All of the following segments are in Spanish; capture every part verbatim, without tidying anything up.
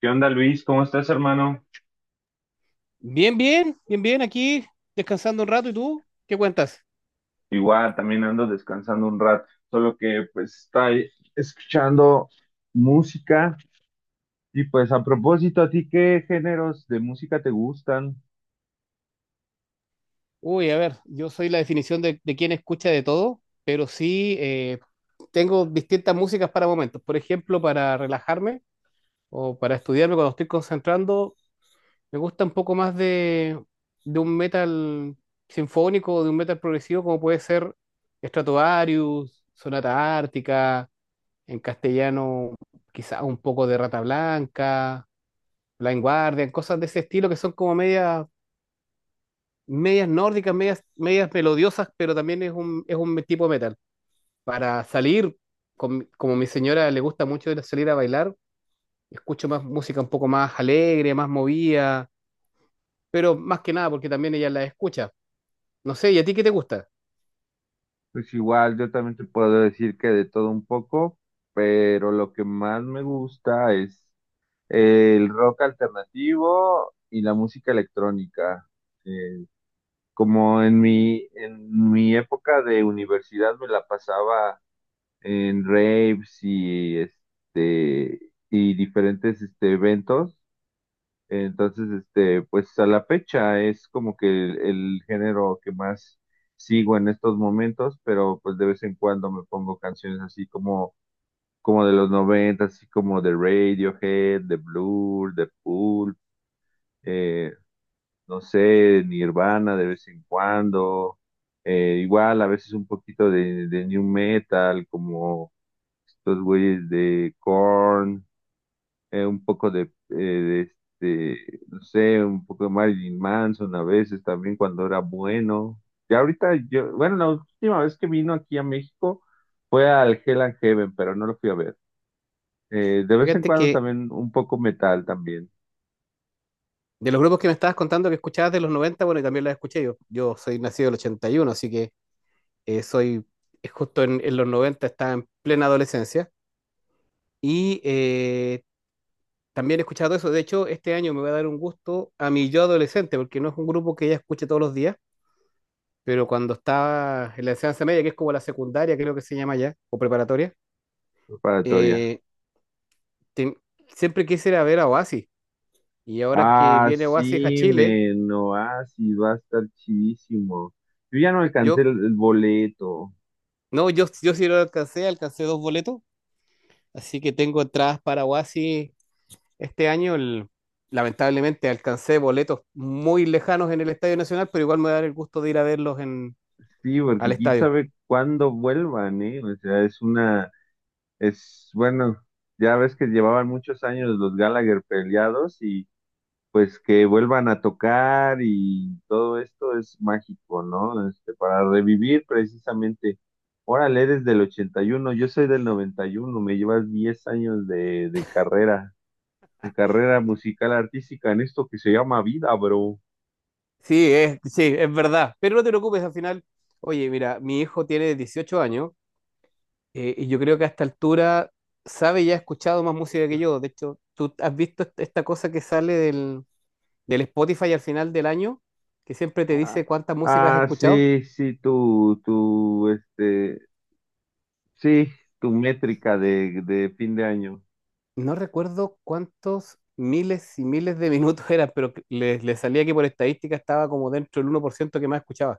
¿Qué onda, Luis? ¿Cómo estás, hermano? Bien, bien, bien, bien, aquí descansando un rato. ¿Y tú? ¿Qué cuentas? Igual, también ando descansando un rato, solo que pues está escuchando música y pues a propósito, ¿a ti qué géneros de música te gustan? Uy, a ver, yo soy la definición de, de quien escucha de todo, pero sí, eh, tengo distintas músicas para momentos. Por ejemplo, para relajarme o para estudiarme cuando estoy concentrando, me gusta un poco más de, de un metal sinfónico o de un metal progresivo, como puede ser Stratovarius, Sonata Ártica, en castellano quizá un poco de Rata Blanca, Blind Guardian, cosas de ese estilo que son como medias, medias nórdicas, medias, medias melodiosas, pero también es un, es un tipo de metal. Para salir, con- mi- como mi señora le gusta mucho ir a salir a bailar, escucho más música un poco más alegre, más movida, pero más que nada porque también ella la escucha. No sé, ¿y a ti qué te gusta? Pues igual, yo también te puedo decir que de todo un poco, pero lo que más me gusta es el rock alternativo y la música electrónica. Eh, Como en mi, en mi época de universidad me la pasaba en raves y este y diferentes este, eventos. Entonces, este, pues a la fecha es como que el, el género que más sigo en estos momentos, pero pues de vez en cuando me pongo canciones así como, como de los noventa así como de Radiohead, de Blur, de Pulp, eh, no sé, Nirvana de vez en cuando, eh, igual a veces un poquito de, de new metal, como estos güeyes de Korn, eh, un poco de, eh, de este, no sé, un poco de Marilyn Manson a veces también cuando era bueno. Ya ahorita yo, bueno, la última vez que vino aquí a México fue al Hell and Heaven, pero no lo fui a ver. Eh, de vez en Fíjate cuando que también un poco metal también, de los grupos que me estabas contando que escuchabas de los noventa, bueno, y también las escuché yo. Yo soy nacido del ochenta y uno, así que eh, soy, es justo en, en, los noventa estaba en plena adolescencia. Y eh, también he escuchado eso. De hecho, este año me voy a dar un gusto a mi yo adolescente, porque no es un grupo que ya escuche todos los días, pero cuando estaba en la enseñanza media, que es como la secundaria, creo que se llama ya, o preparatoria, preparatoria. eh, te- siempre quise ir a ver a Oasis. Y ahora que Ah, viene Oasis a sí, Chile, men, no, ah, sí, va a estar chidísimo. Yo ya no alcancé el yo, el boleto. no, yo, yo sí lo alcancé, alcancé dos boletos, así que tengo entradas para Oasis este año. El- lamentablemente alcancé boletos muy lejanos en el Estadio Nacional, pero igual me voy a dar el gusto de ir a verlos en, Sí, al porque quién estadio. sabe cuándo vuelvan, ¿eh? O sea, es una, es, bueno, ya ves que llevaban muchos años los Gallagher peleados y pues que vuelvan a tocar y todo esto es mágico, ¿no? Este, para revivir precisamente. Órale, eres del ochenta y uno, yo soy del noventa y uno, me llevas diez años de, de carrera, de carrera musical artística en esto que se llama vida, bro. Sí, es, sí, es verdad. Pero no te preocupes, al final, oye, mira, mi hijo tiene dieciocho años, eh, y yo creo que a esta altura sabe y ha escuchado más música que yo. De hecho, tú has visto est- esta cosa que sale del, del Spotify al final del año, que siempre te Ah, dice cuánta música has ah, escuchado. sí, sí, tu, tu, este, sí, tu métrica de, de fin de año, No recuerdo cuántos miles y miles de minutos eran, pero que le, le salía que por estadística estaba como dentro del uno por ciento que más escuchaba.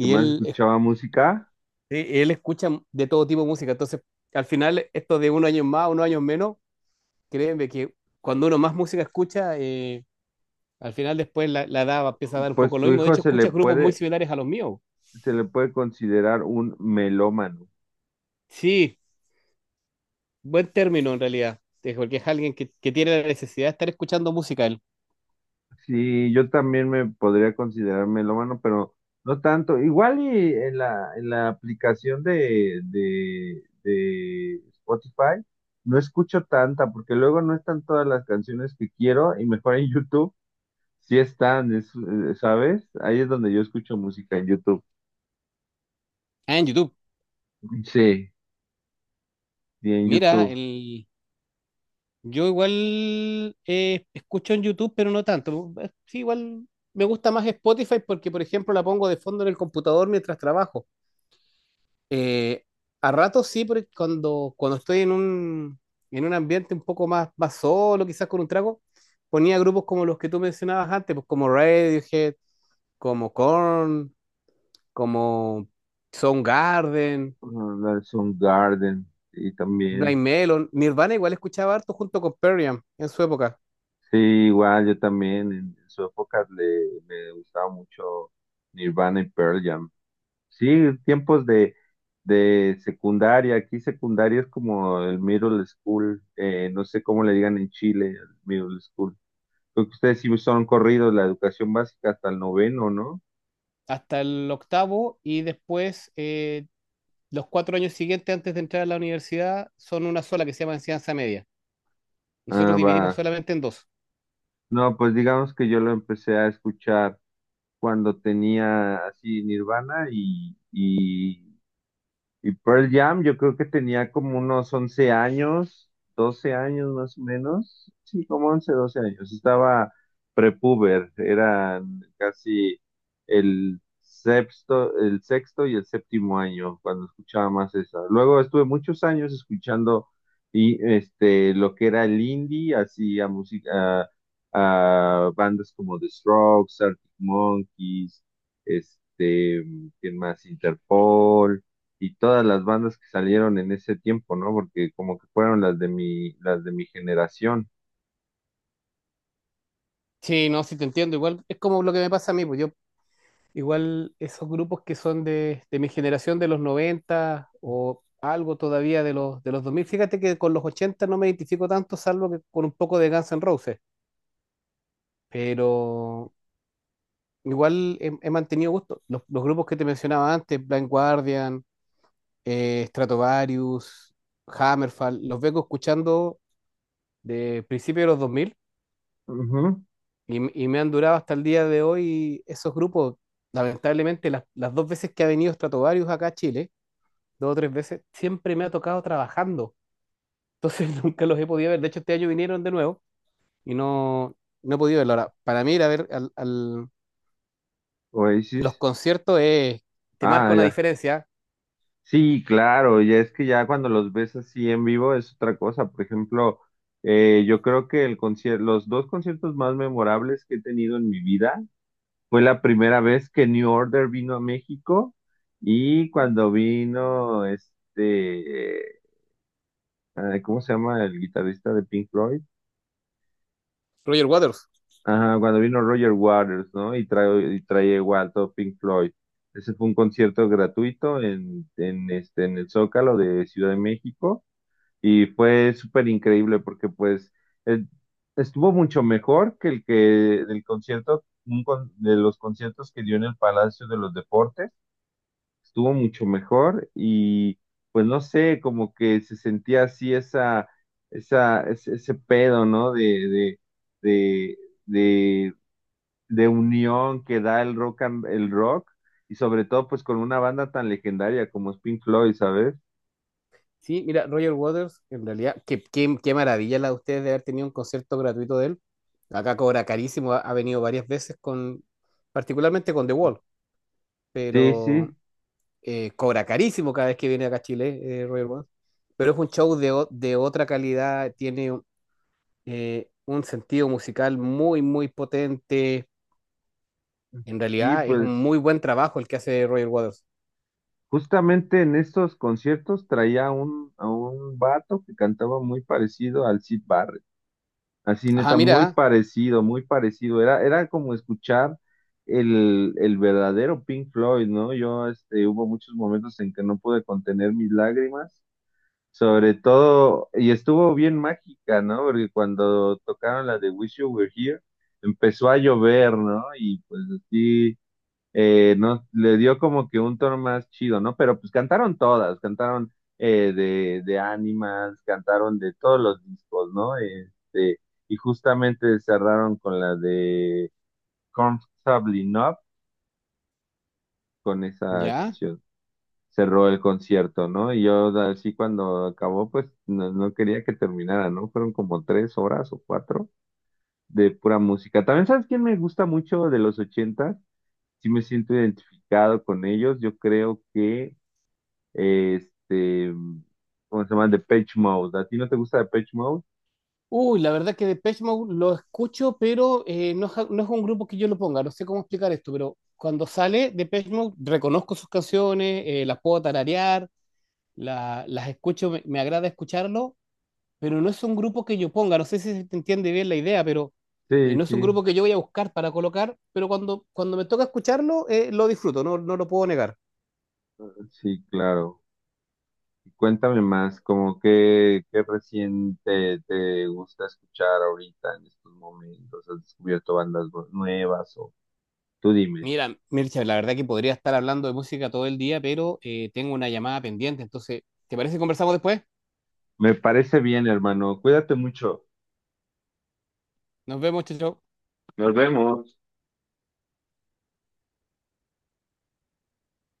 que más él, es- escuchaba música, sí, él escucha de todo tipo de música. Entonces, al final, esto de unos años más, unos años menos, créeme que cuando uno más música escucha, eh, al final después la, la edad va- empieza a dar un pues poco lo tu mismo. De hijo hecho, se le escuchas grupos muy puede, similares a los míos. se le puede considerar un melómano. Sí, buen término en realidad, eh, porque es alguien que, que tiene la necesidad de estar escuchando música en, Sí, yo también me podría considerar melómano, pero no tanto. Igual y en la, en la aplicación de, de, de Spotify no escucho tanta, porque luego no están todas las canciones que quiero, y mejor en YouTube sí están, es- eh, ¿sabes? Ahí es donde yo escucho música en YouTube. ah, en YouTube. Sí, sí, en Mira, YouTube. el, yo igual eh, escucho en YouTube, pero no tanto. Eh, Sí, igual me gusta más Spotify porque, por ejemplo, la pongo de fondo en el computador mientras trabajo. Eh, a ratos sí, porque cuando, cuando estoy en un, en un ambiente un poco más, más solo, quizás con un trago, ponía grupos como los que tú mencionabas antes, pues como Radiohead, como Korn, como Soundgarden, Son Garden y también. Blind Melon. Nirvana igual escuchaba harto junto con Perriam en su época, Sí, igual yo también en, en su época le, me gustaba mucho Nirvana y Pearl Jam. Sí, tiempos de, de secundaria. Aquí secundaria es como el middle school. Eh, no sé cómo le digan en Chile, el middle school. Creo que ustedes sí son corridos la educación básica hasta el noveno, ¿no? hasta el octavo y después eh, los cuatro años siguientes antes de entrar a la universidad son una sola que se llama enseñanza media. Ah, Nosotros dividimos va. solamente en dos. No, pues digamos que yo lo empecé a escuchar cuando tenía así Nirvana y, y Y Pearl Jam, yo creo que tenía como unos once años, doce años más o menos. Sí, como once doce años. Estaba prepuber, eran casi el sexto, el sexto y el séptimo año cuando escuchaba más esa. Luego estuve muchos años escuchando y este lo que era el indie, así a música, a- a bandas como The Strokes, Arctic Monkeys, este, ¿quién más? Interpol y todas las bandas que salieron en ese tiempo, ¿no? Porque como que fueron las de mi, las de mi generación. Sí, no, sí te entiendo. Igual es como lo que me pasa a mí, pues yo, igual esos grupos que son de, de mi generación de los noventa o algo todavía de los, de los dos mil. Fíjate que con los ochenta no me identifico tanto, salvo que con un poco de Guns N' Roses, pero igual he, he mantenido gusto. Los, los grupos que te mencionaba antes, Blind Guardian, eh, Stratovarius, Hammerfall, los vengo escuchando de principios de los dos mil. Ujú. Y, y me han durado hasta el día de hoy esos grupos. Lamentablemente, las, las dos veces que ha venido Stratovarius acá a Chile, dos o tres veces, siempre me ha tocado trabajando. Entonces nunca los he podido ver. De hecho, este año vinieron de nuevo y no, no he podido verlo. Ahora, para mí ir a ver al- al- los Oasis. conciertos es, te marca Ah, una ya. diferencia. Sí, claro, ya es que ya cuando los ves así en vivo es otra cosa. Por ejemplo, eh, yo creo que el concierto, los dos conciertos más memorables que he tenido en mi vida fue la primera vez que New Order vino a México y cuando vino este, eh, ¿cómo se llama el guitarrista de Pink Floyd? Roger Waters. Ajá, cuando vino Roger Waters, ¿no? Y trae, y trae igual todo Pink Floyd. Ese fue un concierto gratuito en, en, este, en el Zócalo de Ciudad de México y fue súper increíble porque pues eh, estuvo mucho mejor que el que el concierto, un con- de los conciertos que dio en el Palacio de los Deportes, estuvo mucho mejor y pues no sé, como que se sentía así esa, esa, ese, ese pedo, ¿no? de, de, de de de unión que da el rock and- el rock y sobre todo pues con una banda tan legendaria como es Pink Floyd, ¿sabes? Sí, mira, Roger Waters, en realidad, qué, qué, qué maravilla la de ustedes de haber tenido un concierto gratuito de él. Acá cobra carísimo, ha, ha venido varias veces con, particularmente con The Wall. Sí, Pero sí, eh, cobra carísimo cada vez que viene acá a Chile, eh, Roger Waters. Pero es un show de, o- de otra calidad, tiene eh, un sentido musical muy, muy potente. En sí, realidad es un pues muy buen trabajo el que hace Roger Waters. justamente en estos conciertos traía un, a un vato que cantaba muy parecido al Sid Barrett, así Ajá, neta, muy mira, parecido, muy parecido, era, era como escuchar el, el verdadero Pink Floyd, ¿no? Yo, este, hubo muchos momentos en que no pude contener mis lágrimas. Sobre todo, y estuvo bien mágica, ¿no? Porque cuando tocaron la de Wish You Were Here, empezó a llover, ¿no? Y pues así, eh, no, le dio como que un tono más chido, ¿no? Pero pues cantaron todas, cantaron eh, de, de Animals, cantaron de todos los discos, ¿no? Este, y justamente cerraron con la de Comfortably Numb, con esa ya. canción cerró el concierto, ¿no? Y yo así cuando acabó, pues no, no quería que terminara, ¿no? Fueron como tres horas o cuatro de pura música. También, ¿sabes quién me gusta mucho de los ochentas? Sí me siento identificado con ellos. Yo creo que, eh, este, ¿cómo se llama? Depeche Mode. ¿A ti no te gusta Depeche Mode? Uy, la verdad que Depeche Mode lo escucho, pero eh, no, es, ja, no es un grupo que yo lo ponga, no sé cómo explicar esto, pero cuando sale Depeche Mode reconozco sus canciones, eh, las puedo tararear, la- las escucho, me, me agrada escucharlo, pero no es un grupo que yo ponga, no sé si se te entiende bien la idea, pero eh, Sí, no es sí, un grupo que yo voy a buscar para colocar, pero cuando, cuando me toca escucharlo, eh, lo disfruto, no, no lo puedo negar. sí, claro. Cuéntame más, como qué, qué recién te, te gusta escuchar ahorita en estos momentos. ¿Has descubierto bandas nue- nuevas o tú dime. Mira, Mircha, la verdad que podría estar hablando de música todo el día, pero eh, tengo una llamada pendiente, entonces, ¿te parece que conversamos después? Me parece bien, hermano. Cuídate mucho. Nos vemos, chao. Chao. Nos vemos.